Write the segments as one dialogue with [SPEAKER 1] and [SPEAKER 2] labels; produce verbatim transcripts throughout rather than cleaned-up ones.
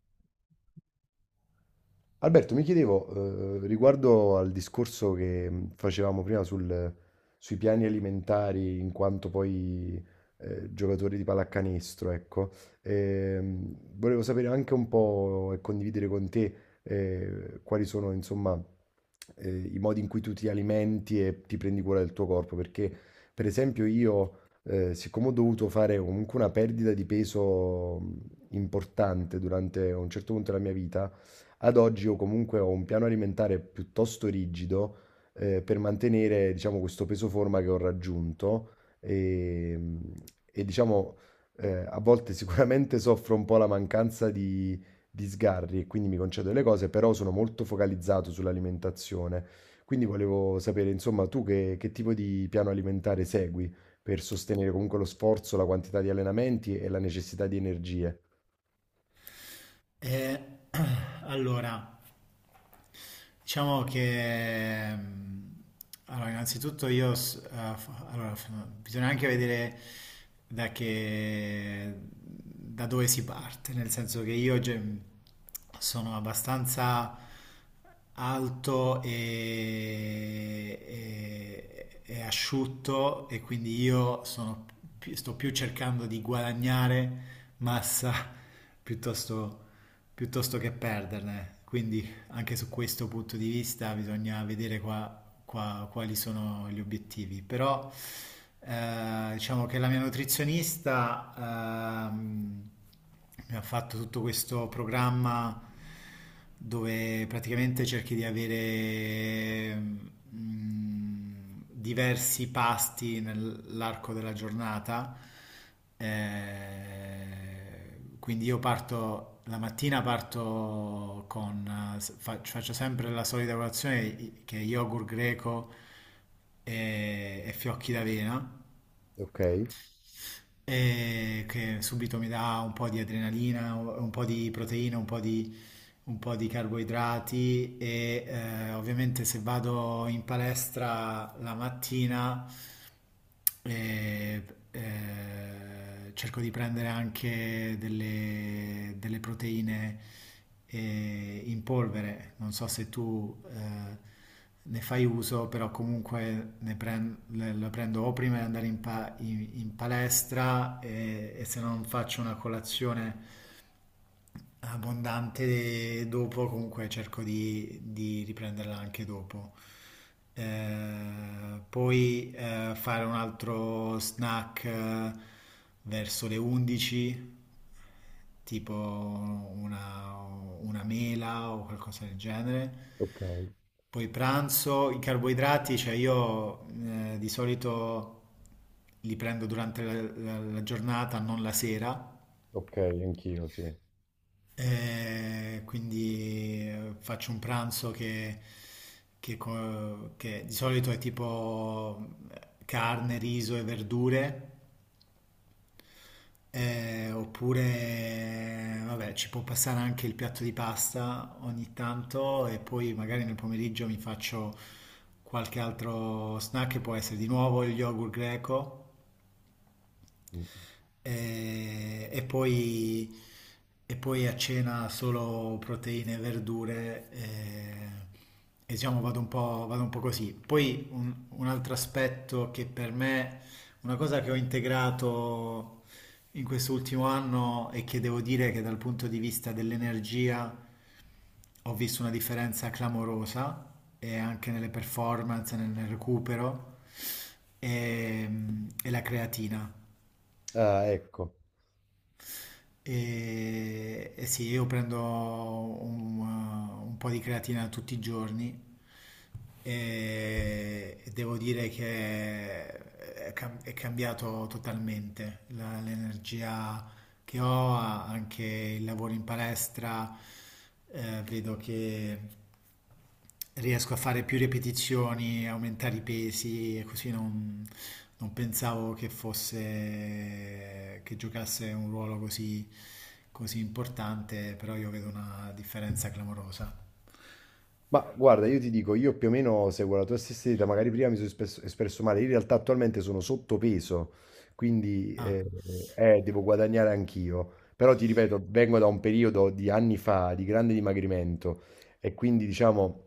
[SPEAKER 1] Più Alberto, mi chiedevo, eh, riguardo al discorso che mh, facevamo prima sul- sui piani alimentari, in quanto poi eh, giocatori di pallacanestro, ecco. Ehm, volevo sapere anche un po' e condividere con te eh, quali sono, insomma, eh, i modi in cui tu ti alimenti e ti prendi cura del tuo corpo, perché per esempio io, eh, siccome ho dovuto fare comunque una perdita di peso mh, importante durante un certo punto della mia vita, ad oggi io comunque ho un piano alimentare piuttosto rigido, eh, per mantenere, diciamo, questo peso forma che ho raggiunto e, mh, e, diciamo, eh, a volte sicuramente soffro un po' la mancanza di, di sgarri e quindi mi concedo le cose, però sono molto focalizzato sull'alimentazione. Quindi volevo sapere, insomma, tu che, che tipo di piano alimentare segui per sostenere comunque lo sforzo, la quantità di allenamenti e la necessità di energie?
[SPEAKER 2] Eh, allora, Diciamo che mm, allora, innanzitutto io s- eh, f- allora, f- bisogna anche vedere da che da dove si parte, nel senso che io ge- sono abbastanza alto e, e- e asciutto e quindi io sono pi- sto più cercando di guadagnare massa piuttosto piuttosto che perderne. Quindi anche su questo punto di vista bisogna vedere qua, qua- quali sono gli obiettivi. Però eh, diciamo che la mia nutrizionista ehm, mi ha fatto tutto questo programma dove praticamente cerchi di avere mm, diversi pasti nell'arco della giornata. Eh, eh, Quindi io parto, la mattina parto con, eh, fa- faccio sempre la solita colazione i- che è yogurt greco e, e fiocchi d'avena,
[SPEAKER 1] Ok,
[SPEAKER 2] e che subito mi dà un po' di adrenalina, un po' di proteina, un po' di, un po' di carboidrati e eh, ovviamente se vado in palestra la mattina e, eh, cerco di prendere anche delle, delle proteine eh, in polvere. Non so se tu eh, ne fai uso, però comunque ne pren- le- la prendo o prima di andare in, pa- in- in palestra e, e se non faccio una colazione abbondante dopo, comunque cerco di, di riprenderla anche dopo. Eh, poi eh, fare un altro snack eh, verso le undici, tipo una, una mela o qualcosa del genere.
[SPEAKER 1] ok,
[SPEAKER 2] Poi pranzo, i carboidrati, cioè io eh, di solito li prendo durante la, la- la giornata, non la sera,
[SPEAKER 1] ok, anch'io, sì.
[SPEAKER 2] eh, quindi eh, faccio un pranzo che, che co- che di solito è tipo eh, carne, riso e verdure, eh, oppure vabbè, ci può passare anche il piatto di pasta ogni tanto e poi magari nel pomeriggio mi faccio qualche altro snack che può essere di nuovo il yogurt greco. E, e poi, e poi a cena solo proteine e verdure e, e diciamo vado un po', vado un po' così. Poi un, un altro aspetto che per me, una cosa che ho integrato in quest'ultimo anno e che devo dire che dal punto di vista dell'energia ho visto una differenza clamorosa e anche nelle performance, nel nel recupero, e, e la creatina.
[SPEAKER 1] Ah, ecco.
[SPEAKER 2] E, e sì, io prendo un, uh, un po' di creatina tutti i giorni e, e devo dire che è, cam- è cambiato totalmente La- l'energia che ho, anche il lavoro in palestra, eh, vedo che riesco a fare più ripetizioni, aumentare i pesi e così non, non pensavo che fosse che giocasse un ruolo così, così importante, però io vedo una differenza clamorosa.
[SPEAKER 1] Ma guarda, io ti dico, io più o meno seguo la tua stessa idea. Magari prima mi sono espresso, espresso male, in realtà attualmente sono sottopeso, quindi
[SPEAKER 2] Ah,
[SPEAKER 1] eh, eh, devo guadagnare anch'io, però ti ripeto, vengo da un periodo di anni fa di grande dimagrimento, e quindi diciamo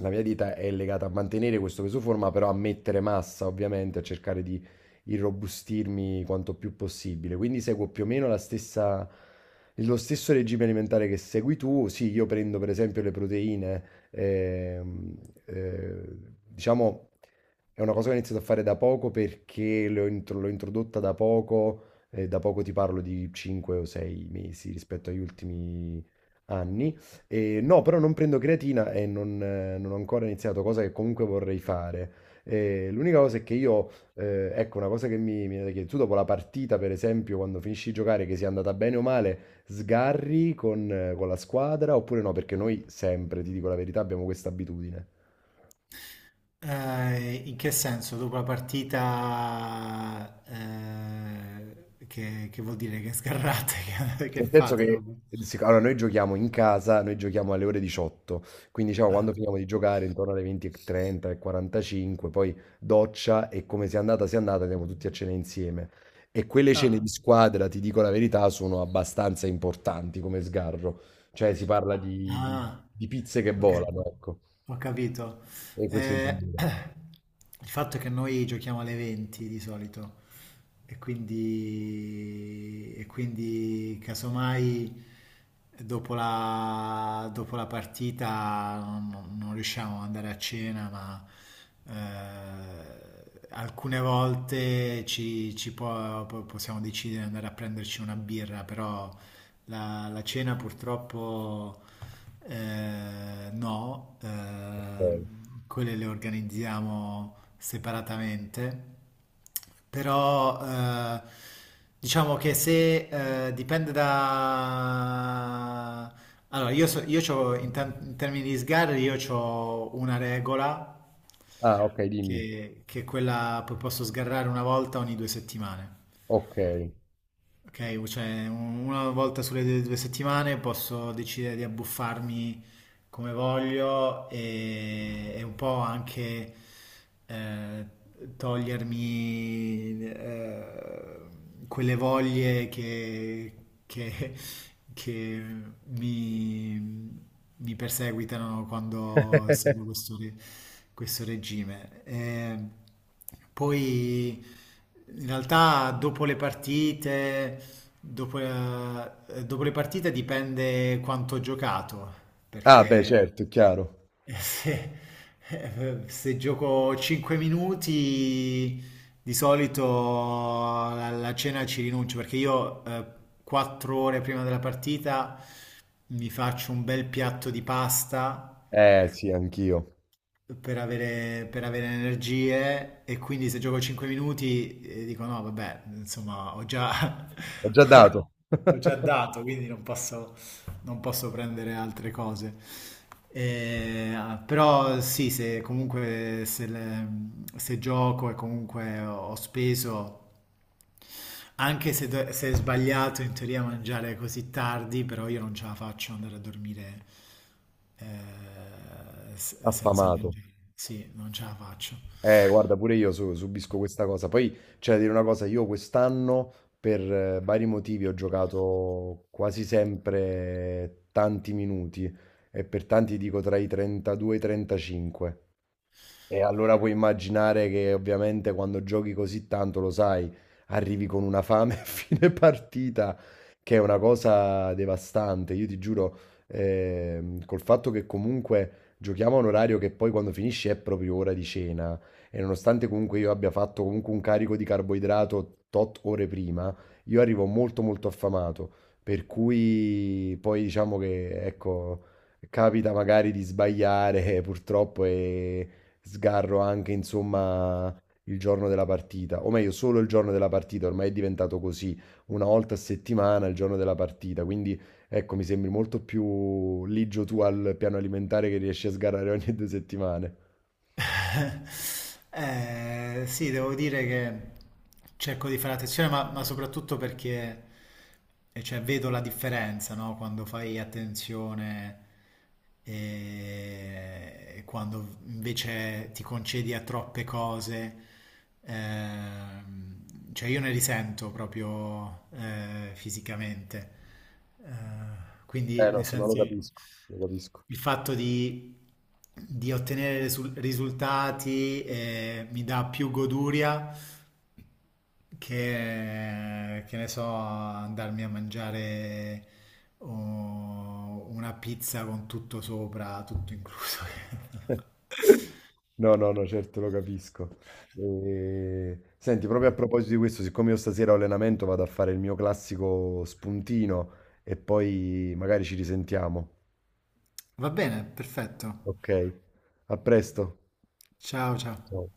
[SPEAKER 1] la mia dieta è legata a mantenere questo peso forma, però a mettere massa ovviamente, a cercare di irrobustirmi quanto più possibile, quindi seguo più o meno la stessa... Lo stesso regime alimentare che segui tu. Sì, io prendo per esempio le proteine, ehm, eh, diciamo, è una cosa che ho iniziato a fare da poco perché l'ho intro- l'ho introdotta da poco, eh, da poco ti parlo di cinque o sei mesi rispetto agli ultimi anni. E no, però non prendo creatina e non, eh, non ho ancora iniziato, cosa che comunque vorrei fare. Eh, l'unica cosa è che io, eh, ecco, una cosa che mi, mi viene da chiedere, tu dopo la partita, per esempio, quando finisci di giocare, che sia andata bene o male, sgarri con, eh, con la squadra oppure no? Perché noi sempre, ti dico la verità, abbiamo questa abitudine.
[SPEAKER 2] eh, in che senso? Dopo la partita, eh, che, che vuol dire che sgarrate, che, che
[SPEAKER 1] Nel senso
[SPEAKER 2] fate
[SPEAKER 1] che
[SPEAKER 2] dopo?
[SPEAKER 1] eh, sic- allora, noi giochiamo in casa, noi giochiamo alle ore diciotto, quindi diciamo quando
[SPEAKER 2] Ah,
[SPEAKER 1] finiamo di giocare intorno alle venti e trenta e quarantacinque, poi doccia e come sia andata sia andata, andiamo tutti a cena insieme. E quelle cene di
[SPEAKER 2] ah.
[SPEAKER 1] squadra, ti dico la verità, sono abbastanza importanti come sgarro. Cioè si parla di, di-
[SPEAKER 2] Ah,
[SPEAKER 1] di pizze che
[SPEAKER 2] ok,
[SPEAKER 1] volano, ecco.
[SPEAKER 2] ho capito.
[SPEAKER 1] E questo
[SPEAKER 2] Eh,
[SPEAKER 1] intendevo.
[SPEAKER 2] il fatto è che noi giochiamo alle venti di solito e quindi, e quindi casomai dopo la, dopo la partita non, non riusciamo ad andare a cena, ma eh, alcune volte ci, ci può- po- possiamo decidere di andare a prenderci una birra, però la, la cena purtroppo eh, no, eh,
[SPEAKER 1] Ok.
[SPEAKER 2] quelle le organizziamo separatamente, però eh, diciamo che se eh, dipende da... Allora, io, so- io c'ho- in, tem- in termini di sgarri, io ho una regola
[SPEAKER 1] Ah, ok, dimmi.
[SPEAKER 2] che, che è quella, poi posso sgarrare una volta ogni due settimane.
[SPEAKER 1] Okay.
[SPEAKER 2] Ok, cioè un- una volta sulle due due settimane posso decidere di abbuffarmi come voglio e, e un po' anche eh, togliermi eh, quelle voglie che, che- che mi, mi perseguitano quando seguo questo, re- questo regime. Eh, poi in realtà dopo le partite, dopo, eh, dopo le partite dipende quanto ho giocato
[SPEAKER 1] Ah beh
[SPEAKER 2] perché
[SPEAKER 1] certo, è chiaro.
[SPEAKER 2] eh, se, eh, se gioco cinque minuti di solito alla cena ci rinuncio perché io eh, quattro ore prima della partita mi faccio un bel piatto di pasta
[SPEAKER 1] Eh sì, anch'io.
[SPEAKER 2] per avere, per avere energie e quindi se gioco cinque minuti eh, dico no, vabbè, insomma, ho già,
[SPEAKER 1] Ho già dato.
[SPEAKER 2] ho già dato, quindi non posso, non posso prendere altre cose. Eh, però sì, se comunque se, le- se gioco e comunque ho speso anche se, do- se è sbagliato in teoria mangiare così tardi, però io non ce la faccio andare a dormire eh, s- senza
[SPEAKER 1] Affamato.
[SPEAKER 2] mangiare. Sì, non ce la faccio.
[SPEAKER 1] Eh guarda, pure io su subisco questa cosa. Poi c'è da dire una cosa, io quest'anno per eh, vari motivi ho giocato quasi sempre tanti minuti, e per tanti dico tra i trentadue e i trentacinque. E allora puoi immaginare che ovviamente quando giochi così tanto, lo sai, arrivi con una fame a fine partita, che è una cosa devastante. Io ti giuro, ehm, col fatto che comunque giochiamo a un orario che poi quando finisce è proprio ora di cena, e nonostante comunque io abbia fatto comunque un carico di carboidrato tot ore prima, io arrivo molto molto affamato, per cui poi diciamo che, ecco, capita magari di sbagliare purtroppo e sgarro anche, insomma, il giorno della partita, o meglio, solo il giorno della partita, ormai è diventato così, una volta a settimana il giorno della partita, quindi ecco, mi sembri molto più ligio tu al piano alimentare che riesci a sgarrare ogni due settimane.
[SPEAKER 2] Eh, sì, devo dire che cerco di fare attenzione, ma, ma soprattutto perché eh, cioè, vedo la differenza, no? Quando fai attenzione e quando invece ti concedi a troppe cose. Ehm, cioè, io ne risento proprio eh, fisicamente.
[SPEAKER 1] Eh
[SPEAKER 2] Quindi,
[SPEAKER 1] no,
[SPEAKER 2] nel
[SPEAKER 1] sì, ma lo
[SPEAKER 2] senso,
[SPEAKER 1] capisco, lo capisco.
[SPEAKER 2] il fatto di, di ottenere risul- risultati eh, mi dà più goduria che, che ne so, andarmi a mangiare oh, una pizza con tutto sopra, tutto incluso.
[SPEAKER 1] No, no, no, certo lo capisco. E- Senti, proprio a proposito di questo, siccome io stasera ho allenamento, vado a fare il mio classico spuntino e poi magari ci risentiamo.
[SPEAKER 2] Va bene, perfetto.
[SPEAKER 1] Okay. A presto.
[SPEAKER 2] Ciao, ciao.
[SPEAKER 1] Ciao.